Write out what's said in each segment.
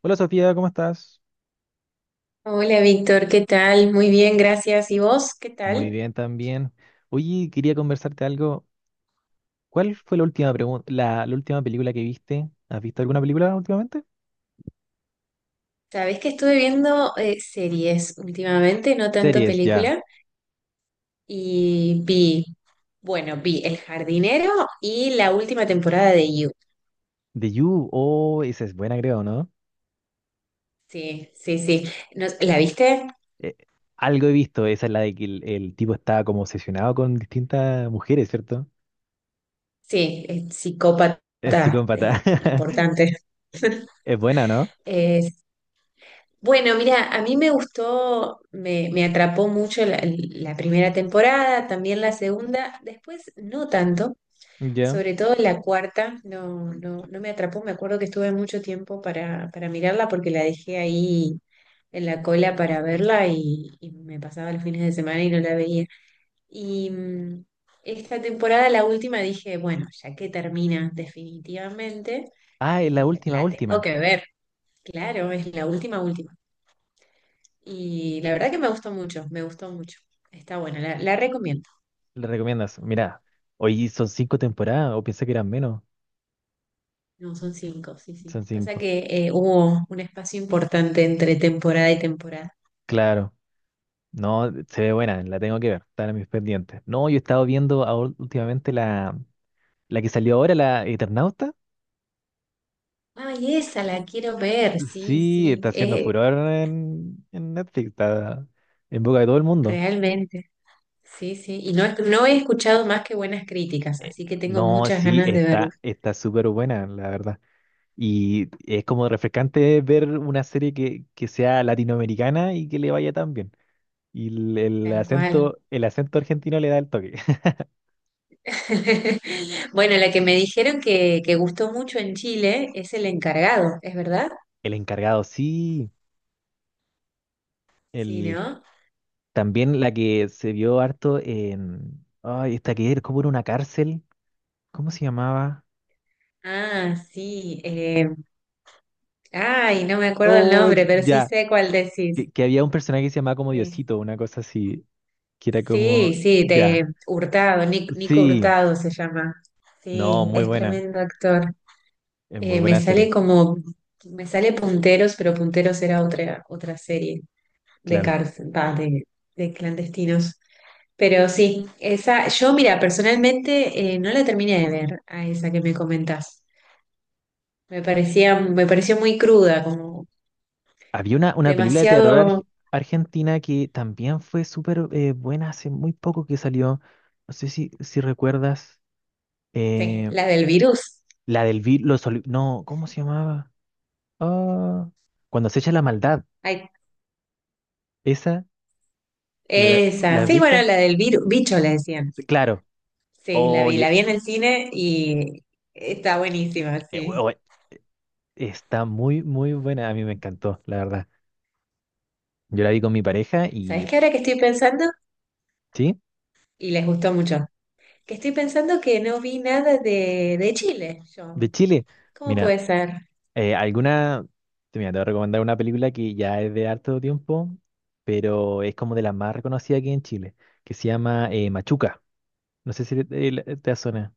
Hola Sofía, ¿cómo estás? Hola Víctor, ¿qué tal? Muy bien, gracias. ¿Y vos? ¿Qué Muy tal? bien también. Oye, quería conversarte algo. ¿Cuál fue la última pregunta, la última película que viste? ¿Has visto alguna película últimamente? Sabés que estuve viendo series últimamente, no tanto Series, ya. película, y vi, bueno, vi El Jardinero y la última temporada de You. The You, oh, esa es buena, creo, ¿no? Sí, sí, sí. ¿La viste? Eh, Algo he visto, esa es la de que el tipo estaba como obsesionado con distintas mujeres, ¿cierto? Sí, es Es psicópata, psicópata. Importante. Es buena, ¿no? Es- bueno, mira, a mí me gustó, me atrapó mucho la primera temporada, también la segunda, después no tanto. Ya. Sobre todo la cuarta, no, no, no me atrapó. Me acuerdo que estuve mucho tiempo para mirarla porque la dejé ahí en la cola para verla y me pasaba los fines de semana y no la veía. Y esta temporada, la última, dije, bueno, ya que termina definitivamente, Ah, es la la, última, la tengo última. que ver. Claro, es la última, última. Y la verdad que me gustó mucho, me gustó mucho. Está buena, la recomiendo. ¿Le recomiendas? Mira, hoy son cinco temporadas, o pensé que eran menos. No, son cinco, sí, sí. Son Pasa cinco. que hubo un espacio importante entre temporada y temporada. Claro. No, se ve buena, la tengo que ver, está en mis pendientes. No, yo he estado viendo últimamente la que salió ahora, la Eternauta. Ay, esa la quiero ver, sí, Sí, sí, está haciendo furor en Netflix, está en boca de todo el mundo. realmente, sí, sí. Y no, no he escuchado más que buenas críticas, Eh, así que tengo No, muchas sí, ganas de verlo. está, está súper buena, la verdad. Y es como refrescante ver una serie que sea latinoamericana y que le vaya tan bien. Y el Tal cual. acento, el acento argentino le da el toque. Bueno, la que me dijeron que gustó mucho en Chile es El Encargado, ¿es verdad? El encargado, sí. Sí, El, ¿no? También la que se vio harto en. Ay, esta que era como en una cárcel. ¿Cómo se llamaba? Ah, sí. Ay, no me acuerdo el Oh, nombre, pero sí ya. sé cuál decís. Que había un personaje que se llamaba como Sí. Diosito, una cosa así. Que era como. Sí, sí, Ya. de Hurtado, Nico Sí. Hurtado se llama. No, Sí, muy es buena. tremendo actor. Es muy Eh, me buena serie, sale como, me sale Punteros, pero Punteros era otra serie de claro. cárcel, va, de, clandestinos. Pero sí, esa, yo mira, personalmente no la terminé de ver a esa que me comentás. Me pareció muy cruda, como Había una película de terror demasiado, argentina que también fue súper buena hace muy poco que salió. No sé si, si recuerdas. sí, eh, la del virus. la del no, ¿cómo se llamaba? Ah, cuando se echa la maldad. Ay, Esa, la, esa, la sí, bueno, Vita, la del virus, bicho la decían. claro. Sí, la vi, la Oye, vi en el cine y está buenísima, eh, we- sí. we- está muy, muy buena. A mí me encantó, la verdad. Yo la vi con mi pareja ¿Sabes y, qué ahora que estoy pensando? sí, Y les gustó mucho. Que estoy pensando que no vi nada de Chile, de yo. Chile. ¿Cómo Mira, puede ser? eh, alguna, te voy a recomendar una película que ya es de harto tiempo, pero es como de las más reconocidas aquí en Chile, que se llama Machuca. No sé si te, te suena.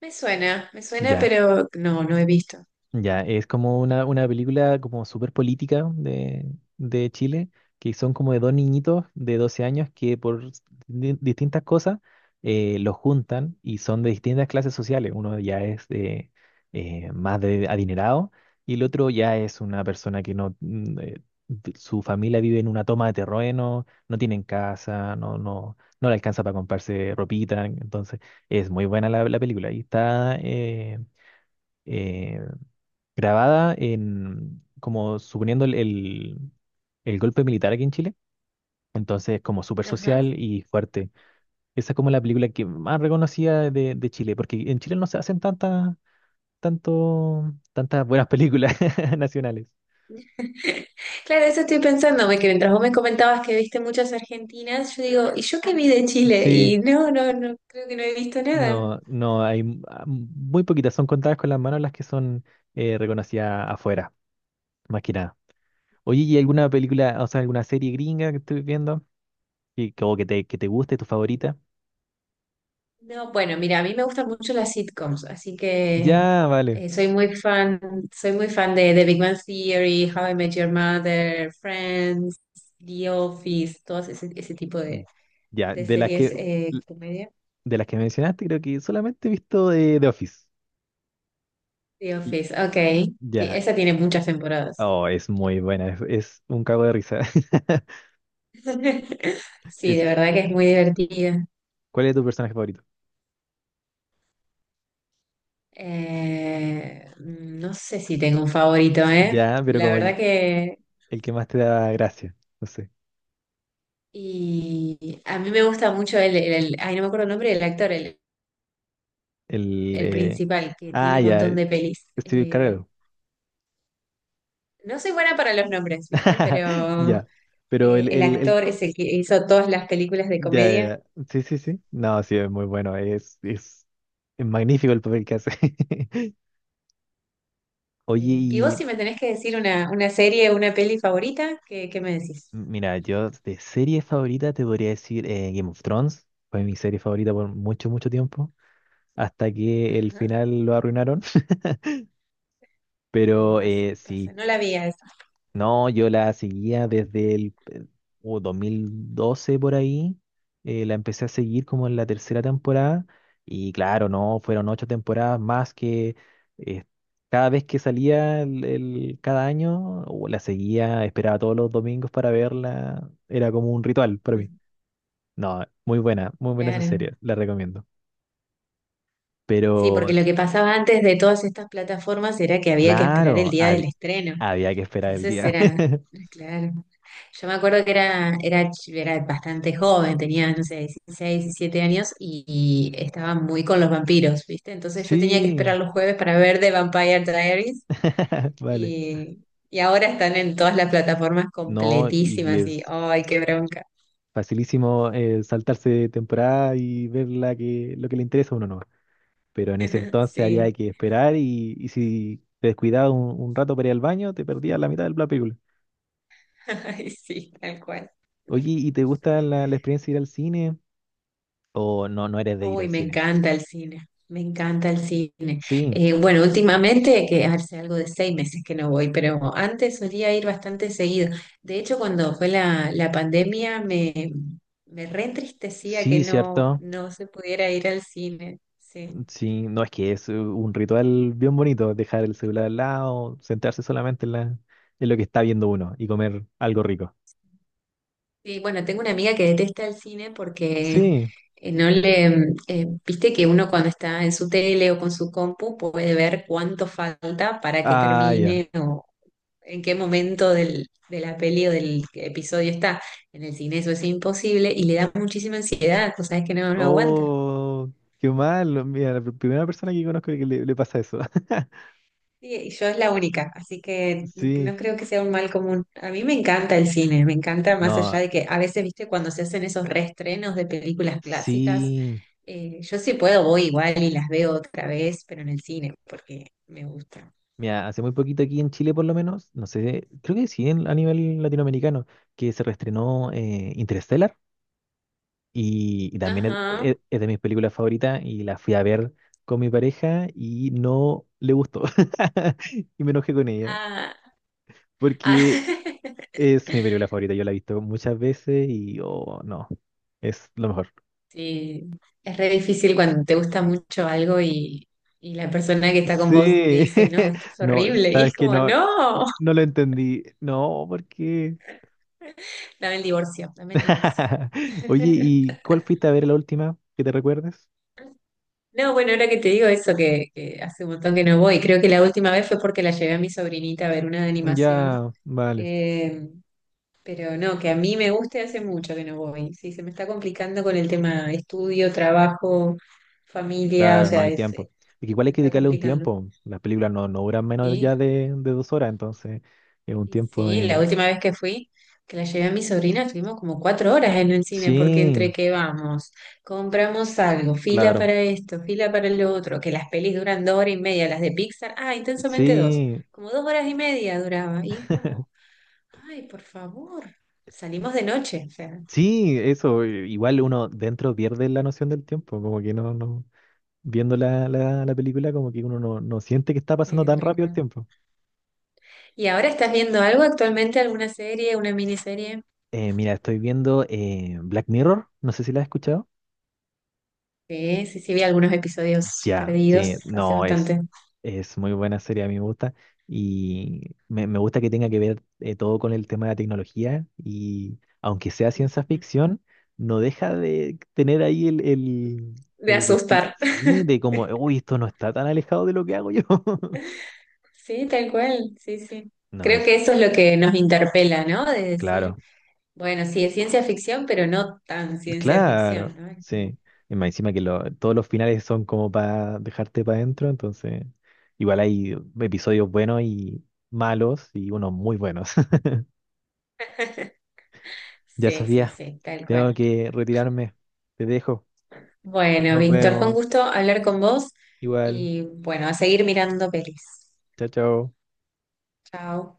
Me suena, Ya. pero no, no he visto. Ya, es como una película como súper política de Chile, que son como de dos niñitos de 12 años que por distintas cosas los juntan y son de distintas clases sociales. Uno ya es de, más de adinerado y el otro ya es una persona que no, mm, su familia vive en una toma de terreno, no tienen casa, no, no, no le alcanza para comprarse ropita. Entonces, es muy buena la película y está. Eh, Grabada en, como suponiendo el golpe militar aquí en Chile. Entonces, como súper Ajá. social y fuerte. Esa es como la película que más reconocida de Chile, porque en Chile no se hacen tantas buenas películas nacionales. Claro, eso estoy pensando, que mientras vos me comentabas que viste muchas argentinas, yo digo, ¿y yo qué vi de Chile? Y Sí, no, no, no, creo que no he visto nada. no, no, hay muy poquitas, son contadas con las manos las que son reconocidas afuera, más que nada. Oye, ¿y alguna película, o sea, alguna serie gringa que estoy viendo o que te guste, tu favorita? No, bueno, mira, a mí me gustan mucho las sitcoms, así que Ya, vale. eh, soy muy fan, soy muy fan de, The Big Bang Theory, How I Met Your Mother, Friends, The Office, todos ese tipo de, Ya, series comedia. de las que mencionaste, creo que solamente he visto de The Office. The L- Office, ok. Sí, Ya, esa tiene muchas temporadas. oh, es muy buena, es un cago de risa. Sí, de Es, verdad que es muy divertida. ¿cuál es tu personaje favorito? No sé si tengo un favorito, ¿eh? Ya, pero La como el, verdad que. el que más te da gracia, no sé. Y a mí me gusta mucho ay, no me acuerdo el nombre del actor, el, El el principal, que tiene Ah, un ya, montón de pelis. Steve Carell. No soy buena para los nombres, ¿viste? Pero Ya, pero el el actor es el que hizo todas las películas de ya, ya, comedia. ya. Sí, sí, sí. No, sí, es muy bueno, es, es magnífico el papel que hace. Y vos, Oye, si me tenés que decir una serie, una peli favorita, ¿qué, me decís? mira, yo de serie favorita te podría decir Game of Thrones. Fue mi serie favorita por mucho, mucho tiempo. Hasta que el Ajá. final lo arruinaron. Y Pero pasa, pasa. sí, No la vi a esa. no, yo la seguía desde el 2012 por ahí. La empecé a seguir como en la tercera temporada. Y claro, no, fueron ocho temporadas más que eh, cada vez que salía cada año, la seguía, esperaba todos los domingos para verla. Era como un ritual para mí. Mm, No, muy buena esa claro. serie, la recomiendo. Sí, Pero, porque lo que pasaba antes de todas estas plataformas era que había que esperar el claro, día del estreno. había que esperar el Entonces día. era, claro. Yo me acuerdo que era bastante joven, tenía, no sé, 16 17 años y, estaba muy con los vampiros, ¿viste? Entonces yo tenía que Sí, esperar los jueves para ver The Vampire Diaries vale. y, ahora están en todas las plataformas No, y completísimas y, es ¡ay, qué bronca! facilísimo saltarse temporada y ver la que, lo que le interesa a uno, ¿no? Pero en ese entonces Sí, había que esperar y si te descuidabas un rato para ir al baño, te perdías la mitad de la película. ay, sí, tal cual. Oye, ¿y te gusta la experiencia de ir al cine? ¿O no, no eres de ir al Uy, me cine? encanta el cine, me encanta el cine. Sí, Bueno, últimamente, que hace algo de 6 meses que no voy, pero antes solía ir bastante seguido. De hecho, cuando fue la pandemia, me reentristecía que sí, no, cierto. no se pudiera ir al cine. Sí. Sí, no es que es un ritual bien bonito, dejar el celular al lado, sentarse solamente en lo que está viendo uno y comer algo rico. Sí, bueno, tengo una amiga que detesta el cine porque Sí, no le, viste que uno cuando está en su tele o con su compu puede ver cuánto falta para que ah, ya. termine o, en qué momento de la peli o del episodio está. En el cine eso es imposible y le da muchísima ansiedad, cosas que no, no aguanta. Oh, qué mal. Mira, la primera persona que conozco que le pasa eso. Sí, y yo es la única, así que Sí, no creo que sea un mal común. A mí me encanta el cine, me encanta más allá no, de que a veces, viste, cuando se hacen esos reestrenos de películas clásicas, sí. Yo sí puedo, voy igual y las veo otra vez, pero en el cine, porque me gusta. Mira, hace muy poquito aquí en Chile por lo menos, no sé, creo que sí a nivel latinoamericano, que se reestrenó Interstellar. Y también es, Ajá. Es de mis películas favoritas y la fui a ver con mi pareja y no le gustó. Y me enojé con ella Ah, ah. porque es mi película favorita. Yo la he visto muchas veces y oh, no, es lo mejor. Sí, es re difícil cuando te gusta mucho algo y, la persona que está con vos te Sí, dice, no, esto es no, horrible. Y es sabes que como, no, no, no lo entendí. No, ¿por qué? dame el divorcio, dame el divorcio. Oye, ¿y cuál fuiste a ver la última que te recuerdes? No, bueno, ahora que te digo eso, que hace un montón que no voy, creo que la última vez fue porque la llevé a mi sobrinita a ver una de animación. Ya, vale. Eh, pero no, que a mí me guste hace mucho que no voy. Sí, se me está complicando con el tema estudio, trabajo, familia, o Claro, no sea, hay tiempo. Y que igual me hay que está dedicarle un complicando. tiempo. Las películas no, no duran menos Sí, ya de 2 horas, entonces es un tiempo sí, la de. última vez que fui, que la llevé a mi sobrina, estuvimos como 4 horas en el cine, porque Sí, entre que vamos, compramos algo, fila claro. para esto, fila para lo otro, que las pelis duran 2 horas y media, las de Pixar, ah, Intensamente 2, Sí, como dos horas y media duraba, y es como, ay, por favor, salimos de noche, o sea, sí, eso. Igual uno dentro pierde la noción del tiempo, como que no, no. Viendo la película, como que uno no, no siente que está pasando tan tal rápido el cual. tiempo. ¿Y ahora estás viendo algo actualmente, alguna serie, una miniserie? Mira, estoy viendo Black Mirror, no sé si la has escuchado. Sí, sí, sí, vi algunos episodios Ya, sí, perdidos hace no, es, bastante, muy buena serie, a mí me gusta. Y me gusta que tenga que ver todo con el tema de la tecnología. Y aunque sea ciencia ficción, no deja de tener ahí de asustar. sí, de como, uy, esto no está tan alejado de lo que hago yo. Sí, tal cual, sí, sí. No, Creo es que eso es lo que nos interpela, ¿no? De claro, decir, bueno, sí, es ciencia ficción, pero no tan ciencia claro, ficción, ¿no? sí. Y más encima que todos los finales son como para dejarte para adentro, entonces igual hay episodios buenos y malos y unos muy buenos. Ya Sí, sí, Sofía, sí, tal tengo cual. que retirarme. Te dejo. Bueno, Nos Víctor, fue un vemos. gusto hablar con vos Igual. y bueno, a seguir mirando pelis. Chao, chao. Chao.